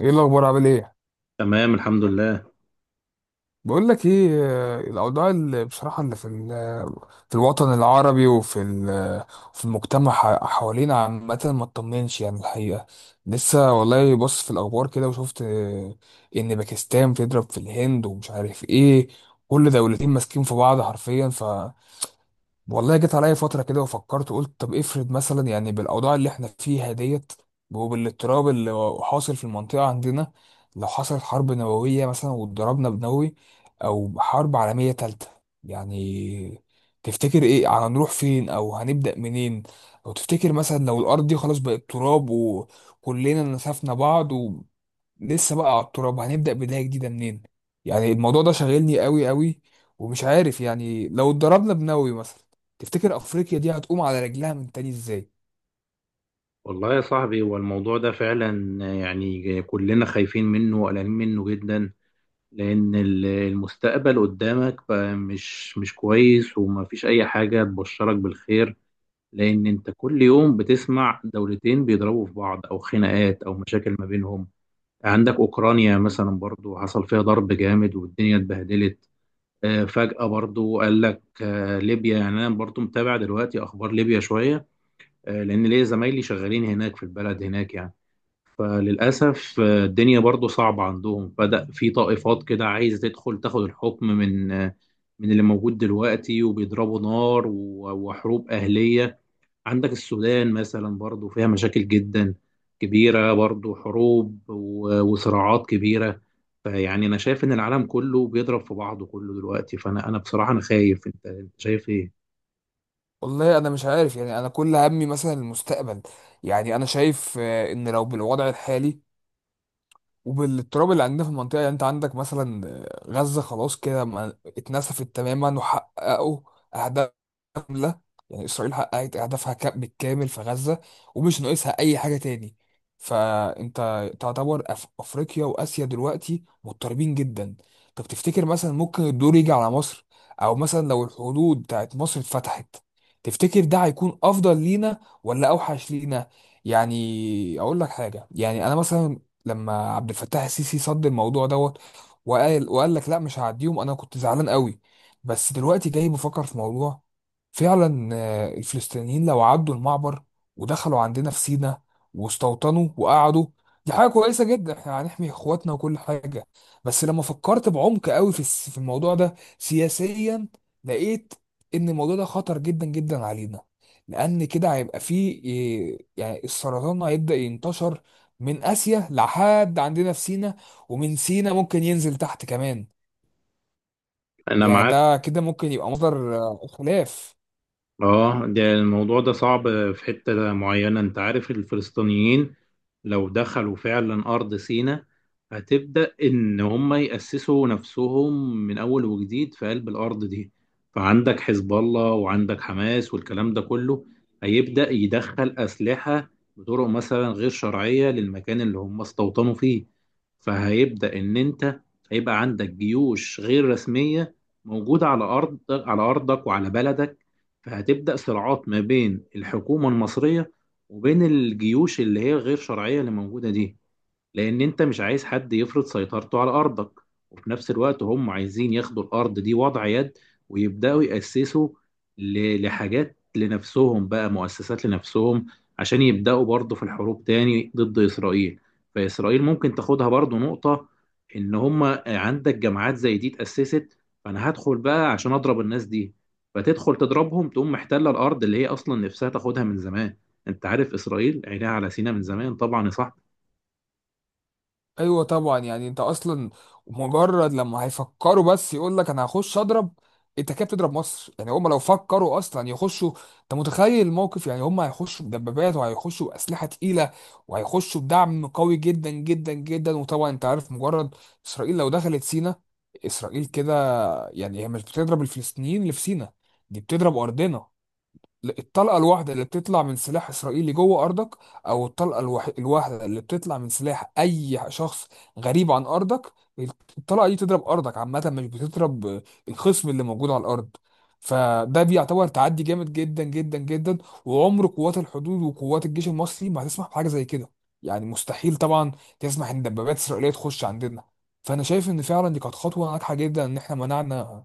ايه الاخبار عامل ايه؟ تمام، الحمد لله. بقول لك ايه، الاوضاع اللي بصراحه اللي في الوطن العربي في المجتمع حوالينا عامه ما تطمنش، يعني الحقيقه لسه والله بص في الاخبار كده وشفت ان باكستان بتضرب في الهند ومش عارف ايه. كل دولتين ماسكين في بعض حرفيا. والله جيت عليا فترة كده وفكرت وقلت طب افرض مثلا، يعني بالأوضاع اللي احنا فيها ديت وبالاضطراب اللي حاصل في المنطقة عندنا، لو حصلت حرب نووية مثلا واتضربنا بنووي أو حرب عالمية تالتة، يعني تفتكر ايه؟ هنروح فين أو هنبدأ منين؟ أو تفتكر مثلا لو الأرض دي خلاص بقت تراب وكلنا نسفنا بعض، لسه بقى على التراب هنبدأ بداية جديدة منين؟ يعني الموضوع ده شاغلني قوي قوي. ومش عارف يعني، لو اتضربنا بنووي مثلا تفتكر أفريقيا دي هتقوم على رجلها من تاني ازاي؟ والله يا صاحبي، هو الموضوع ده فعلا، يعني كلنا خايفين منه وقلقانين منه جدا. لأن المستقبل قدامك بقى مش كويس، ومفيش أي حاجة تبشرك بالخير. لأن أنت كل يوم بتسمع دولتين بيضربوا في بعض، أو خناقات أو مشاكل ما بينهم. عندك أوكرانيا مثلا، برضو حصل فيها ضرب جامد والدنيا اتبهدلت. فجأة برضو قال لك، ليبيا، يعني أنا برضو متابع دلوقتي أخبار ليبيا شوية، لان ليا زمايلي شغالين هناك في البلد هناك يعني. فللاسف الدنيا برضو صعبه عندهم، بدا في طائفات كده عايزه تدخل تاخد الحكم من من اللي موجود دلوقتي، وبيضربوا نار وحروب اهليه. عندك السودان مثلا برضو فيها مشاكل جدا كبيره، برضو حروب وصراعات كبيره. فيعني انا شايف ان العالم كله بيضرب في بعضه كله دلوقتي، فانا بصراحه انا خايف. انت شايف ايه؟ والله انا مش عارف. يعني انا كل همي مثلا المستقبل. يعني انا شايف ان لو بالوضع الحالي وبالتراب اللي عندنا في المنطقة، يعني انت عندك مثلا غزة خلاص كده اتنسفت تماما وحققوا أهداف كاملة. يعني إسرائيل حققت أهدافها بالكامل في غزة، ومش ناقصها أي حاجة تاني. فأنت تعتبر أفريقيا وآسيا دلوقتي مضطربين جدا. طب تفتكر مثلا ممكن الدور يجي على مصر؟ أو مثلا لو الحدود بتاعت مصر اتفتحت، تفتكر ده هيكون أفضل لينا ولا أوحش لينا؟ يعني اقول لك حاجه، يعني انا مثلا لما عبد الفتاح السيسي صد الموضوع دوت، وقال لك لا مش هعديهم، انا كنت زعلان قوي. بس دلوقتي جاي بفكر في موضوع، فعلا الفلسطينيين لو عدوا المعبر ودخلوا عندنا في سيناء واستوطنوا وقعدوا، دي حاجة كويسة جدا، احنا هنحمي اخواتنا وكل حاجة. بس لما فكرت بعمق قوي في الموضوع ده سياسيا، لقيت ان الموضوع ده خطر جدا جدا علينا، لان كده هيبقى فيه إيه، يعني السرطان هيبدأ ينتشر من آسيا لحد عندنا في سينا، ومن سينا ممكن ينزل تحت كمان. انا يعني معاك. ده كده ممكن يبقى مصدر خلاف. اه، ده الموضوع ده صعب في حتة معينة. انت عارف الفلسطينيين لو دخلوا فعلا أرض سيناء، هتبدأ إن هم يأسسوا نفسهم من أول وجديد في قلب الأرض دي. فعندك حزب الله وعندك حماس والكلام ده كله، هيبدأ يدخل أسلحة بطرق مثلا غير شرعية للمكان اللي هم استوطنوا فيه. فهيبدأ إن أنت هيبقى عندك جيوش غير رسمية موجودة على أرض، على أرضك وعلى بلدك. فهتبدأ صراعات ما بين الحكومة المصرية وبين الجيوش اللي هي غير شرعية اللي موجودة دي. لان انت مش عايز حد يفرض سيطرته على ارضك، وفي نفس الوقت هم عايزين ياخدوا الارض دي وضع يد، ويبداوا ياسسوا لحاجات لنفسهم، بقى مؤسسات لنفسهم، عشان يبداوا برضه في الحروب تاني ضد اسرائيل. فاسرائيل ممكن تاخدها برضه نقطة ان هم عندك جماعات زي دي اتاسست، فانا هدخل بقى عشان اضرب الناس دي. فتدخل تضربهم، تقوم محتلة الارض اللي هي اصلا نفسها تاخدها من زمان. انت عارف اسرائيل عينيها على سينا من زمان طبعا يا صاحبي. ايوه طبعا. يعني انت اصلا، مجرد لما هيفكروا بس يقول لك انا هخش اضرب، انت كده بتضرب مصر. يعني هم لو فكروا اصلا يخشوا، انت متخيل الموقف؟ يعني هم هيخشوا بدبابات وهيخشوا باسلحه تقيله وهيخشوا بدعم قوي جدا جدا جدا، وطبعا انت عارف مجرد اسرائيل لو دخلت سينا، اسرائيل كده، يعني هي مش بتضرب الفلسطينيين اللي في سينا، دي بتضرب أرضنا. الطلقة الواحدة اللي بتطلع من سلاح إسرائيلي جوه أرضك، أو الطلقة الواحدة اللي بتطلع من سلاح أي شخص غريب عن أرضك، الطلقة دي تضرب أرضك عامة، مش بتضرب الخصم اللي موجود على الأرض. فده بيعتبر تعدي جامد جدا جدا جدا. وعمر قوات الحدود وقوات الجيش المصري ما هتسمح بحاجة زي كده. يعني مستحيل طبعا تسمح إن دبابات إسرائيلية تخش عندنا. فأنا شايف إن فعلا دي كانت خطوة ناجحة جدا، إن إحنا منعنا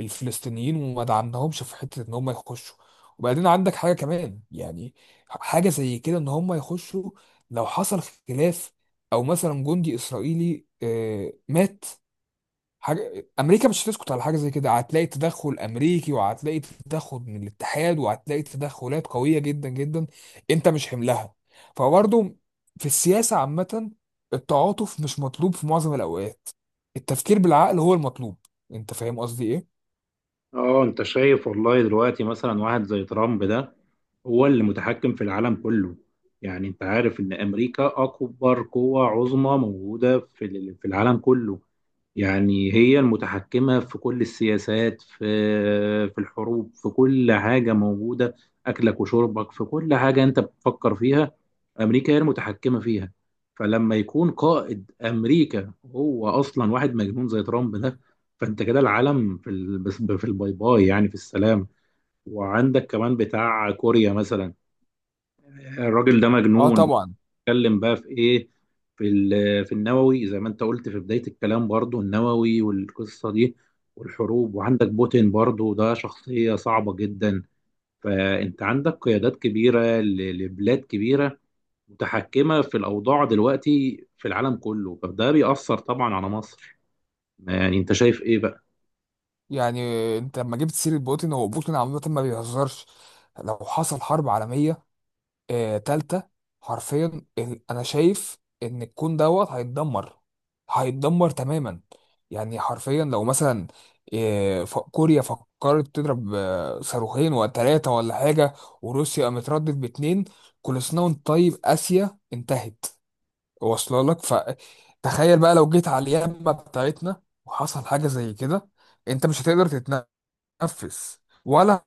الفلسطينيين وما دعمناهمش في حتة إن هم يخشوا. وبعدين عندك حاجة كمان، يعني حاجة زي كده ان هم يخشوا، لو حصل خلاف او مثلا جندي اسرائيلي مات، حاجة امريكا مش هتسكت على حاجة زي كده. هتلاقي تدخل امريكي وهتلاقي تدخل من الاتحاد وهتلاقي تدخلات قوية جدا جدا، انت مش حملها. فبرضه في السياسة عامة، التعاطف مش مطلوب في معظم الاوقات، التفكير بالعقل هو المطلوب. انت فاهم قصدي ايه؟ اه، انت شايف والله دلوقتي مثلا واحد زي ترامب ده، هو اللي متحكم في العالم كله. يعني انت عارف ان امريكا اكبر قوة عظمى موجودة في في العالم كله. يعني هي المتحكمة في كل السياسات، في في الحروب، في كل حاجة موجودة، اكلك وشربك، في كل حاجة انت بتفكر فيها، امريكا هي المتحكمه فيها. فلما يكون قائد امريكا هو اصلا واحد مجنون زي ترامب ده، فانت كده العالم في في الباي باي، يعني في السلام. وعندك كمان بتاع كوريا مثلا، الراجل ده اه مجنون. طبعا. بيتكلم بقى في ايه؟ في ال... في النووي، زي ما انت قلت في بدايه الكلام، برضو النووي والقصه دي والحروب. وعندك بوتين برضو ده شخصيه صعبه جدا. فانت عندك قيادات كبيره لبلاد كبيره، متحكمة في الأوضاع دلوقتي في العالم كله، فده بيأثر طبعا على مصر. يعني أنت شايف إيه بقى؟ يعني انت لما جبت سيرة بوتين، هو بوتين عامة ما بيهزرش. لو حصل حرب عالمية تالتة، حرفيا انا شايف ان الكون دوت هيتدمر، هيتدمر تماما. يعني حرفيا لو مثلا كوريا فكرت تضرب صاروخين ولا تلاتة ولا حاجة، وروسيا قامت ردت باتنين، كل سنة وانت طيب، آسيا انتهت، واصلة لك. فتخيل بقى لو جيت على اليمة بتاعتنا وحصل حاجة زي كده، انت مش هتقدر تتنفس نفس ولا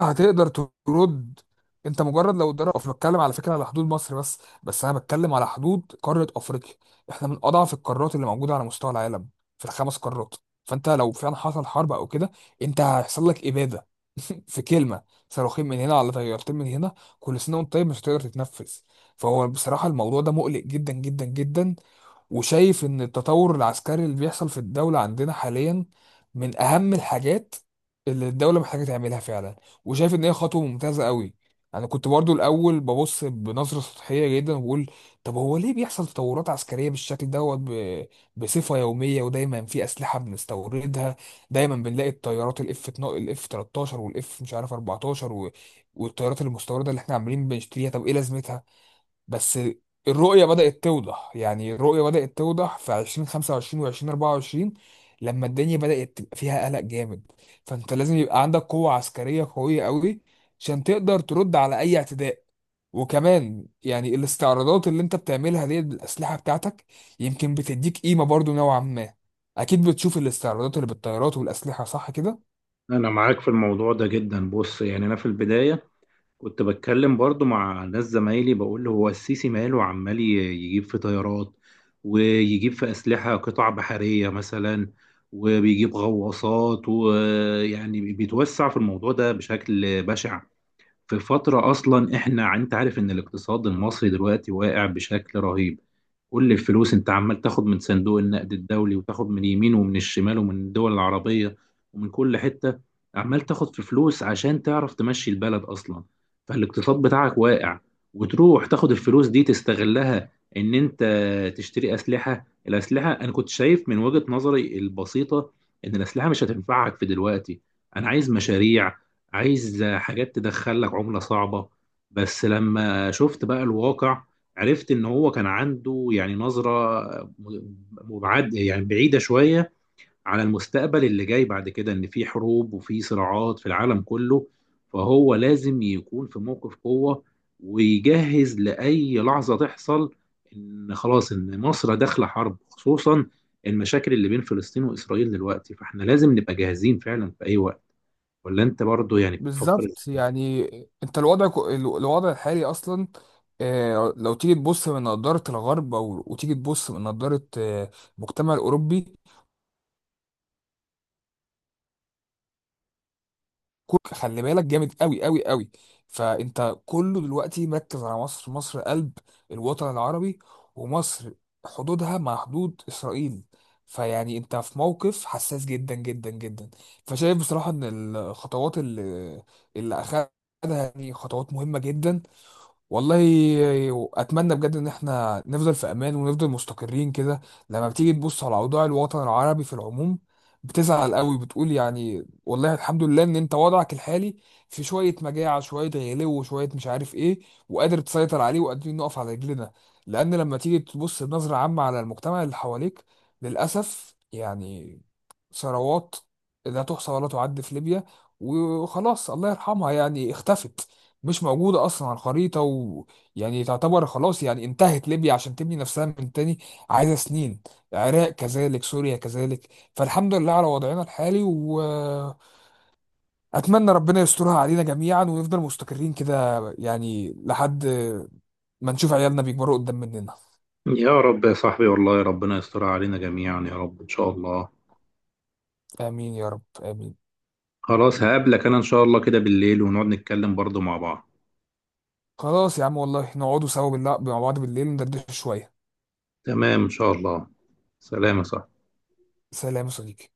هتقدر ترد. انت مجرد لو الدوري الافريقي، بتكلم على فكره على حدود مصر بس، بس انا بتكلم على حدود قاره افريقيا، احنا من اضعف القارات اللي موجوده على مستوى العالم في الخمس قارات. فانت لو فعلا حصل حرب او كده، انت هيحصل لك اباده في كلمه. صاروخين من هنا على طيارتين من هنا، كل سنه وانت طيب مش هتقدر تتنفذ. فهو بصراحه الموضوع ده مقلق جدا جدا جدا. وشايف ان التطور العسكري اللي بيحصل في الدولة عندنا حاليا من اهم الحاجات اللي الدولة محتاجة تعملها فعلا، وشايف ان هي خطوه ممتازه قوي. انا كنت برضو الاول ببص بنظره سطحيه جدا وبقول طب هو ليه بيحصل تطورات عسكريه بالشكل دوت بصفه يوميه ودايما في اسلحه بنستوردها، دايما بنلاقي الطيارات الاف 13 والاف مش عارف 14 و... والطيارات المستورده اللي احنا عاملين بنشتريها، طب ايه لازمتها؟ بس الرؤية بدأت توضح، يعني الرؤية بدأت توضح في 2025 و 2024، لما الدنيا بدأت تبقى فيها قلق جامد. فأنت لازم يبقى عندك قوة عسكرية قوية قوي عشان تقدر ترد على أي اعتداء. وكمان يعني الاستعراضات اللي انت بتعملها دي بالأسلحة بتاعتك، يمكن بتديك قيمة برضو نوعا ما. أكيد بتشوف الاستعراضات اللي بالطيارات والأسلحة، صح كده؟ انا معاك في الموضوع ده جدا. بص، يعني انا في البدايه كنت بتكلم برضو مع ناس زمايلي، بقول له هو السيسي ماله عمال يجيب في طيارات ويجيب في اسلحه، قطع بحريه مثلا، وبيجيب غواصات، ويعني بيتوسع في الموضوع ده بشكل بشع، في فترة أصلا إحنا أنت عارف إن الاقتصاد المصري دلوقتي واقع بشكل رهيب. كل الفلوس أنت عمال تاخد من صندوق النقد الدولي، وتاخد من اليمين ومن الشمال ومن الدول العربية ومن كل حتة، عمال تاخد في فلوس عشان تعرف تمشي البلد أصلا. فالاقتصاد بتاعك واقع، وتروح تاخد الفلوس دي تستغلها إن أنت تشتري أسلحة. الأسلحة أنا كنت شايف من وجهة نظري البسيطة إن الأسلحة مش هتنفعك في دلوقتي. أنا عايز مشاريع، عايز حاجات تدخل لك عملة صعبة. بس لما شفت بقى الواقع، عرفت ان هو كان عنده يعني نظرة مبعد، يعني بعيدة شوية على المستقبل اللي جاي بعد كده، ان في حروب وفي صراعات في العالم كله. فهو لازم يكون في موقف قوة، ويجهز لأي لحظة تحصل، ان خلاص ان مصر داخلة حرب، خصوصا المشاكل اللي بين فلسطين وإسرائيل دلوقتي. فاحنا لازم نبقى جاهزين فعلا في أي وقت. ولا انت برضو يعني بتفكر بالظبط. ازاي؟ يعني انت الوضع الوضع الحالي اصلا، لو تيجي تبص من نظارة الغرب او وتيجي تبص من نظارة المجتمع الاوروبي، خلي بالك جامد قوي قوي قوي. فانت كله دلوقتي مركز على مصر، مصر قلب الوطن العربي، ومصر حدودها مع حدود اسرائيل. فيعني انت في موقف حساس جدا جدا جدا. فشايف بصراحة ان الخطوات اللي اخدها يعني خطوات مهمة جدا. والله اتمنى بجد ان احنا نفضل في امان ونفضل مستقرين كده. لما بتيجي تبص على اوضاع الوطن العربي في العموم، بتزعل قوي، بتقول يعني والله الحمد لله ان انت وضعك الحالي، في شويه مجاعه شويه غلو وشويه مش عارف ايه، وقادر تسيطر عليه وقادرين نقف على رجلنا. لان لما تيجي تبص بنظره عامه على المجتمع اللي حواليك، للاسف يعني ثروات لا تحصى ولا تعد في ليبيا، وخلاص الله يرحمها يعني اختفت، مش موجودة أصلا على الخريطة، ويعني تعتبر خلاص يعني انتهت ليبيا. عشان تبني نفسها من تاني عايزة سنين. العراق كذلك، سوريا كذلك. فالحمد لله على وضعنا الحالي، وأتمنى ربنا يسترها علينا جميعا ونفضل مستقرين كده، يعني لحد ما نشوف عيالنا بيكبروا قدام مننا. يا رب يا صاحبي، والله ربنا يستر علينا جميعا يا رب ان شاء الله. آمين يا رب آمين. خلاص، هقابلك انا ان شاء الله كده بالليل، ونقعد نتكلم برضو مع بعض. خلاص يا عم والله نقعدوا سوا بالله مع بعض بالليل، ندردش شوية. تمام ان شاء الله. سلام يا صاحبي. سلام يا صديقي.